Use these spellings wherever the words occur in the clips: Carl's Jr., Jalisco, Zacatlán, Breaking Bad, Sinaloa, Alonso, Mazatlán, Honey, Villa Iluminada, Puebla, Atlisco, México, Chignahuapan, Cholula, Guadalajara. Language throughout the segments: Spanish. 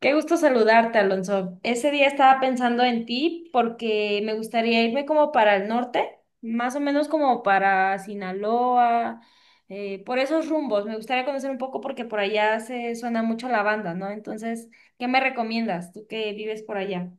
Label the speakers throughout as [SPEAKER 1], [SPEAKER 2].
[SPEAKER 1] Qué gusto saludarte, Alonso. Ese día estaba pensando en ti porque me gustaría irme como para el norte, más o menos como para Sinaloa, por esos rumbos. Me gustaría conocer un poco porque por allá se suena mucho la banda, ¿no? Entonces, ¿qué me recomiendas tú que vives por allá?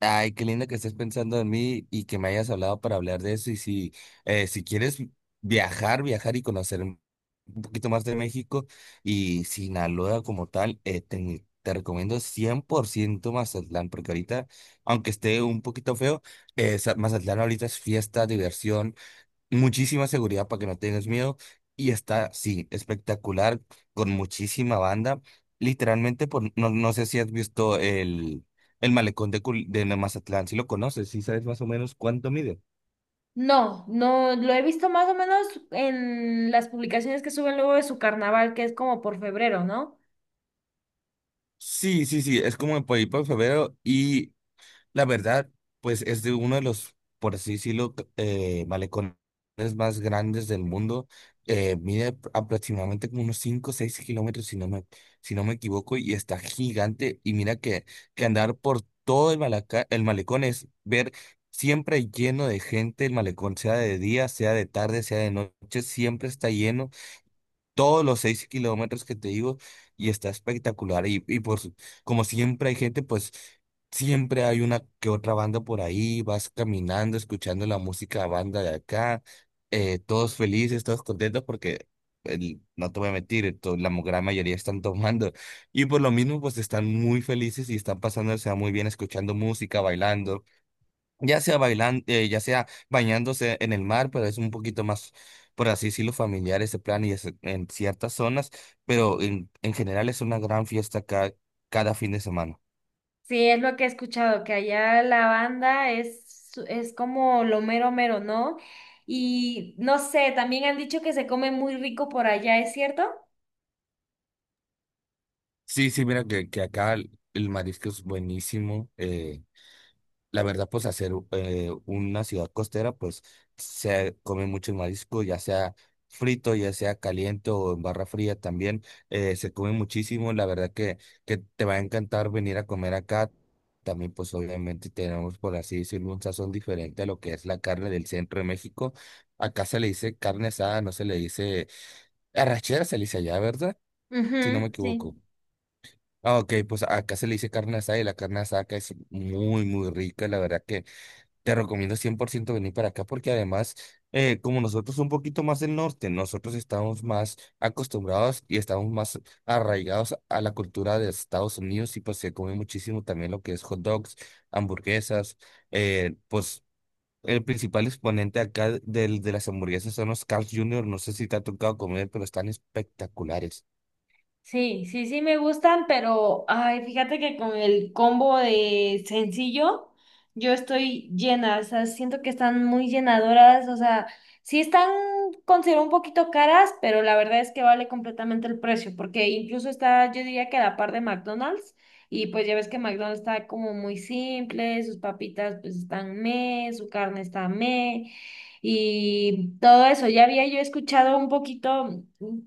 [SPEAKER 2] Ay, qué lindo que estés pensando en mí y que me hayas hablado para hablar de eso. Y si quieres viajar, viajar y conocer un poquito más de México y Sinaloa como tal, te recomiendo 100% Mazatlán, porque ahorita, aunque esté un poquito feo, Mazatlán ahorita es fiesta, diversión, muchísima seguridad para que no tengas miedo. Y está, sí, espectacular, con muchísima banda. Literalmente, no, no sé si has visto el malecón de Mazatlán, si lo conoces, si sabes más o menos cuánto mide.
[SPEAKER 1] No, no, lo he visto más o menos en las publicaciones que suben luego de su carnaval, que es como por febrero, ¿no?
[SPEAKER 2] Sí, sí, sí, es como en por ahí por febrero. Y la verdad, pues es de uno de los, por así decirlo, malecones más grandes del mundo. Mide aproximadamente como unos 5 o 6 kilómetros, si no me equivoco, y está gigante. Y mira que andar por todo el malecón es ver siempre lleno de gente. El malecón, sea de día, sea de tarde, sea de noche, siempre está lleno todos los 6 kilómetros que te digo y está espectacular. Y como siempre hay gente, pues siempre hay una que otra banda por ahí, vas caminando, escuchando la música banda de acá, todos felices, todos contentos porque no te voy a mentir, gran mayoría están tomando y por lo mismo pues están muy felices y están pasándose muy bien escuchando música, bailando. Ya sea bailando, ya sea bañándose en el mar, pero es un poquito más, por así decirlo, familiar ese plan y es en ciertas zonas, pero en general es una gran fiesta cada fin de semana.
[SPEAKER 1] Sí, es lo que he escuchado, que allá la banda es como lo mero mero, ¿no? Y no sé, también han dicho que se come muy rico por allá, ¿es cierto?
[SPEAKER 2] Sí, sí, mira que acá el marisco es buenísimo. La verdad, pues hacer una ciudad costera, pues se come mucho marisco, ya sea frito, ya sea caliente o en barra fría también, se come muchísimo. La verdad que te va a encantar venir a comer acá. También, pues obviamente tenemos, por así decirlo, un sazón diferente a lo que es la carne del centro de México. Acá se le dice carne asada, no se le dice arrachera, se le dice allá, ¿verdad? Si no me
[SPEAKER 1] Ujú,
[SPEAKER 2] equivoco.
[SPEAKER 1] sí.
[SPEAKER 2] Ah, ok, pues acá se le dice carne asada y la carne asada acá es muy, muy rica, la verdad que te recomiendo 100% venir para acá porque además, como nosotros un poquito más del norte, nosotros estamos más acostumbrados y estamos más arraigados a la cultura de Estados Unidos y pues se come muchísimo también lo que es hot dogs, hamburguesas, pues el principal exponente acá de las hamburguesas son los Carl's Jr., no sé si te ha tocado comer, pero están espectaculares.
[SPEAKER 1] Sí, sí, sí me gustan, pero ay, fíjate que con el combo de sencillo, yo estoy llena, o sea, siento que están muy llenadoras, o sea, sí están, considero un poquito caras, pero la verdad es que vale completamente el precio, porque incluso está, yo diría que a la par de McDonald's, y pues ya ves que McDonald's está como muy simple, sus papitas pues están meh, su carne está meh, y todo eso, ya había yo escuchado un poquito,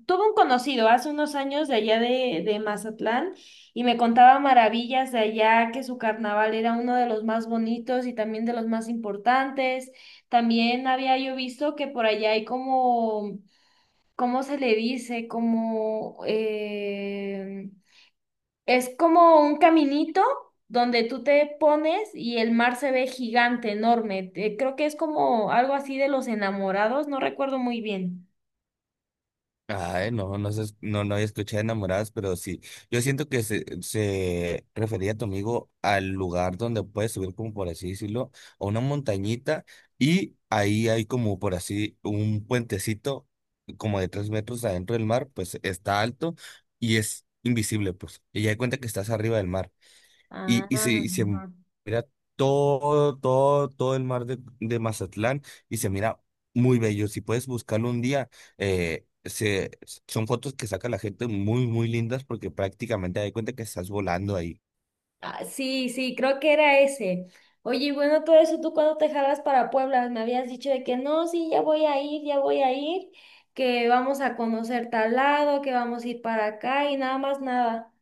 [SPEAKER 1] tuve un conocido hace unos años de allá de Mazatlán y me contaba maravillas de allá, que su carnaval era uno de los más bonitos y también de los más importantes. También había yo visto que por allá hay como, ¿cómo se le dice? Como, es como un caminito donde tú te pones y el mar se ve gigante, enorme. Creo que es como algo así de los enamorados, no recuerdo muy bien.
[SPEAKER 2] Ay, no, no, se no, no escuché enamoradas, pero sí. Yo siento que se refería a tu amigo al lugar donde puedes subir, como por así decirlo, a una montañita y ahí hay como por así un puentecito como de 3 metros adentro del mar, pues está alto y es invisible, pues. Y ya de cuenta que estás arriba del mar. Y,
[SPEAKER 1] Ah,
[SPEAKER 2] y, se, y se
[SPEAKER 1] ajá.
[SPEAKER 2] mira todo, todo, todo el mar de Mazatlán y se mira muy bello. Si puedes buscarlo un día, eh, se, son fotos que saca la gente muy, muy lindas porque prácticamente te das cuenta que estás volando ahí.
[SPEAKER 1] Ah, sí, sí, creo que era ese. Oye, y bueno, todo eso, ¿tú cuándo te jalas para Puebla? Me habías dicho de que no, sí, ya voy a ir, ya voy a ir, que vamos a conocer tal lado, que vamos a ir para acá y nada más nada.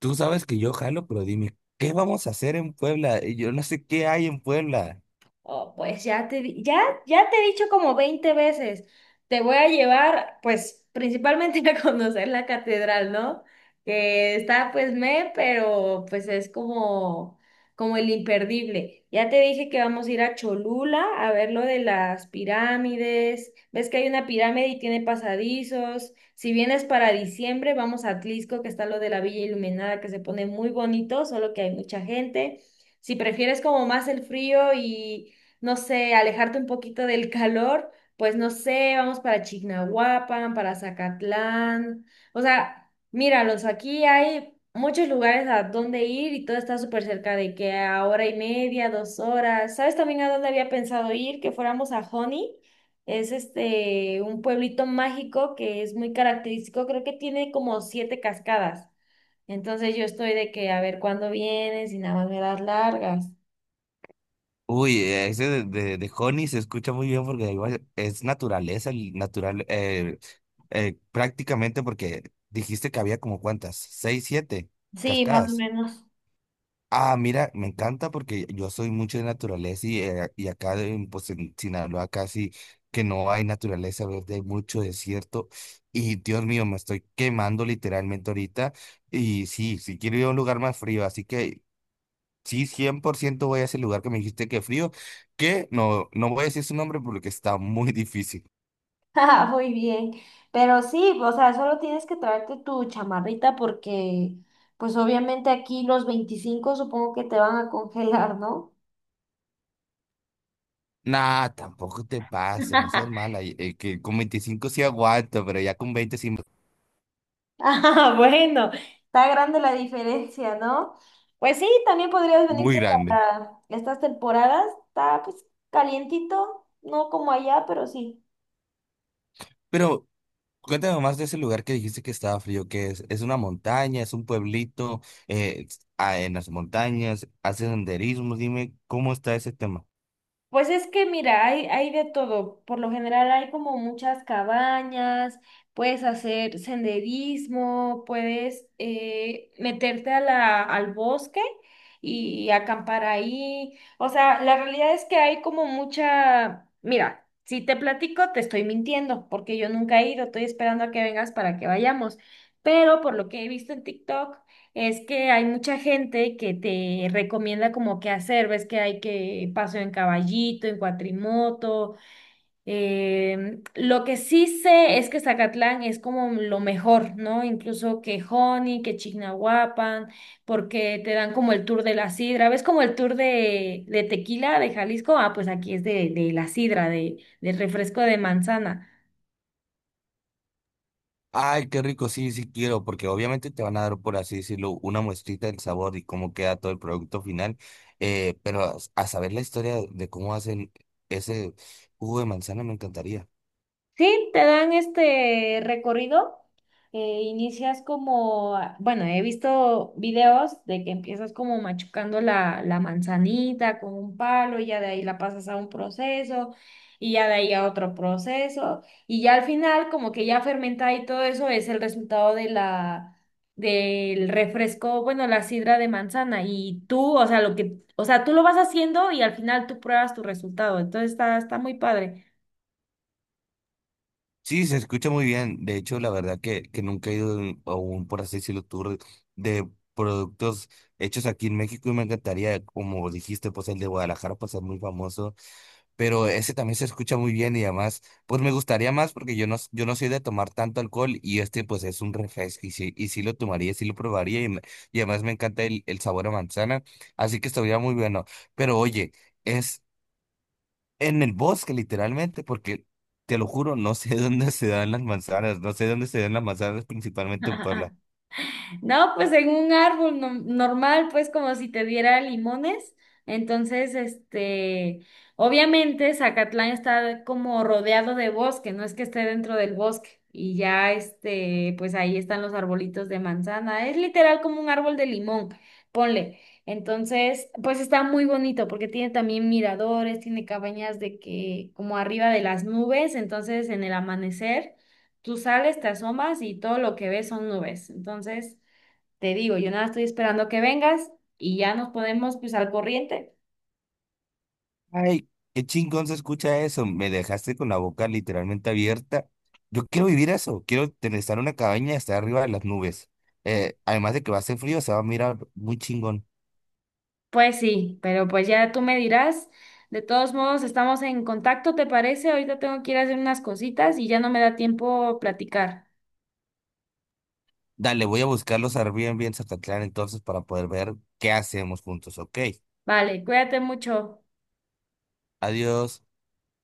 [SPEAKER 2] Tú sabes que yo jalo, pero dime, ¿qué vamos a hacer en Puebla? Y yo no sé qué hay en Puebla.
[SPEAKER 1] Oh, pues ya te, ya, ya te he dicho como 20 veces, te voy a llevar, pues, principalmente a conocer la catedral, ¿no? Que está, pues, me, pero, pues, es como, como el imperdible. Ya te dije que vamos a ir a Cholula a ver lo de las pirámides. Ves que hay una pirámide y tiene pasadizos. Si vienes para diciembre, vamos a Atlisco, que está lo de la Villa Iluminada, que se pone muy bonito, solo que hay mucha gente. Si prefieres como más el frío y no sé, alejarte un poquito del calor, pues no sé, vamos para Chignahuapan, para Zacatlán. O sea, míralos, aquí hay muchos lugares a donde ir y todo está súper cerca de que a hora y media, dos horas. ¿Sabes también a dónde había pensado ir? Que fuéramos a Honey. Es este un pueblito mágico que es muy característico, creo que tiene como 7 cascadas. Entonces yo estoy de que a ver cuándo vienes y nada más me das largas.
[SPEAKER 2] Uy, ese de Honey se escucha muy bien porque igual es naturaleza, el natural, prácticamente porque dijiste que había como cuántas, seis, siete
[SPEAKER 1] Sí, más o
[SPEAKER 2] cascadas.
[SPEAKER 1] menos.
[SPEAKER 2] Ah, mira, me encanta porque yo soy mucho de naturaleza y acá pues en Sinaloa casi que no hay naturaleza verde, hay mucho desierto y Dios mío, me estoy quemando literalmente ahorita y sí, sí quiero ir a un lugar más frío, así que sí, 100% voy a ese lugar que me dijiste que frío, que no voy a decir su nombre porque está muy difícil.
[SPEAKER 1] Ah, muy bien, pero sí, o sea, solo tienes que traerte tu chamarrita porque, pues obviamente aquí los 25 supongo que te van a congelar, ¿no?
[SPEAKER 2] Nah, tampoco te pases, no seas mala, que con 25 sí aguanto, pero ya con 20 sí,
[SPEAKER 1] Ah, bueno, está grande la diferencia, ¿no? Pues sí, también podrías venirte
[SPEAKER 2] muy grande.
[SPEAKER 1] para estas temporadas, está pues calientito, no como allá, pero sí.
[SPEAKER 2] Pero cuéntame más de ese lugar que dijiste que estaba frío, que es una montaña, es un pueblito, eh, en las montañas, hace senderismo, dime cómo está ese tema.
[SPEAKER 1] Pues es que mira, hay de todo. Por lo general hay como muchas cabañas, puedes hacer senderismo, puedes meterte a al bosque y acampar ahí. O sea, la realidad es que hay como mucha. Mira, si te platico, te estoy mintiendo, porque yo nunca he ido, estoy esperando a que vengas para que vayamos. Pero por lo que he visto en TikTok. Es que hay mucha gente que te recomienda como qué hacer, ves que hay que paso en caballito, en cuatrimoto. Lo que sí sé es que Zacatlán es como lo mejor, ¿no? Incluso que Joni, que Chignahuapan, porque te dan como el tour de la sidra, ves como el tour de tequila de Jalisco, ah, pues aquí es de la sidra, del refresco de manzana.
[SPEAKER 2] Ay, qué rico, sí, sí quiero, porque obviamente te van a dar, por así decirlo, una muestrita del sabor y cómo queda todo el producto final, pero a saber la historia de cómo hacen ese jugo de manzana me encantaría.
[SPEAKER 1] Sí, te dan este recorrido. Inicias como, ah, bueno, he visto videos de que empiezas como machucando la manzanita con un palo y ya de ahí la pasas a un proceso y ya de ahí a otro proceso y ya al final como que ya fermentada y todo eso es el resultado de la, del refresco, bueno, la sidra de manzana y tú, o sea, lo que, o sea, tú lo vas haciendo y al final tú pruebas tu resultado, entonces está, está muy padre.
[SPEAKER 2] Sí, se escucha muy bien, de hecho, la verdad que nunca he ido a un, por así decirlo, tour de productos hechos aquí en México y me encantaría, como dijiste, pues el de Guadalajara, pues es muy famoso. Pero ese también se escucha muy bien y además, pues me gustaría más porque yo no soy de tomar tanto alcohol y este pues es un refresco y sí, lo tomaría, sí lo probaría y además me encanta el sabor a manzana, así que estaría muy bueno. Pero oye, es en el bosque literalmente porque te lo juro, no sé dónde se dan las manzanas, no sé dónde se dan las manzanas principalmente en Puebla.
[SPEAKER 1] No, pues en un árbol normal, pues como si te diera limones. Entonces, este, obviamente Zacatlán está como rodeado de bosque, no es que esté dentro del bosque. Y ya, este, pues ahí están los arbolitos de manzana. Es literal como un árbol de limón, ponle. Entonces, pues está muy bonito porque tiene también miradores, tiene cabañas de que como arriba de las nubes, entonces en el amanecer tú sales, te asomas y todo lo que ves son nubes. Entonces, te digo, yo nada estoy esperando que vengas y ya nos ponemos pues al corriente.
[SPEAKER 2] Ay, qué chingón se escucha eso. Me dejaste con la boca literalmente abierta. Yo quiero vivir eso. Quiero estar en una cabaña y estar arriba de las nubes. Además de que va a hacer frío, se va a mirar muy chingón.
[SPEAKER 1] Pues sí, pero pues ya tú me dirás. De todos modos, estamos en contacto, ¿te parece? Ahorita tengo que ir a hacer unas cositas y ya no me da tiempo platicar.
[SPEAKER 2] Dale, voy a buscar los Airbnb en Zacatlán entonces para poder ver qué hacemos juntos. Ok,
[SPEAKER 1] Vale, cuídate mucho.
[SPEAKER 2] adiós.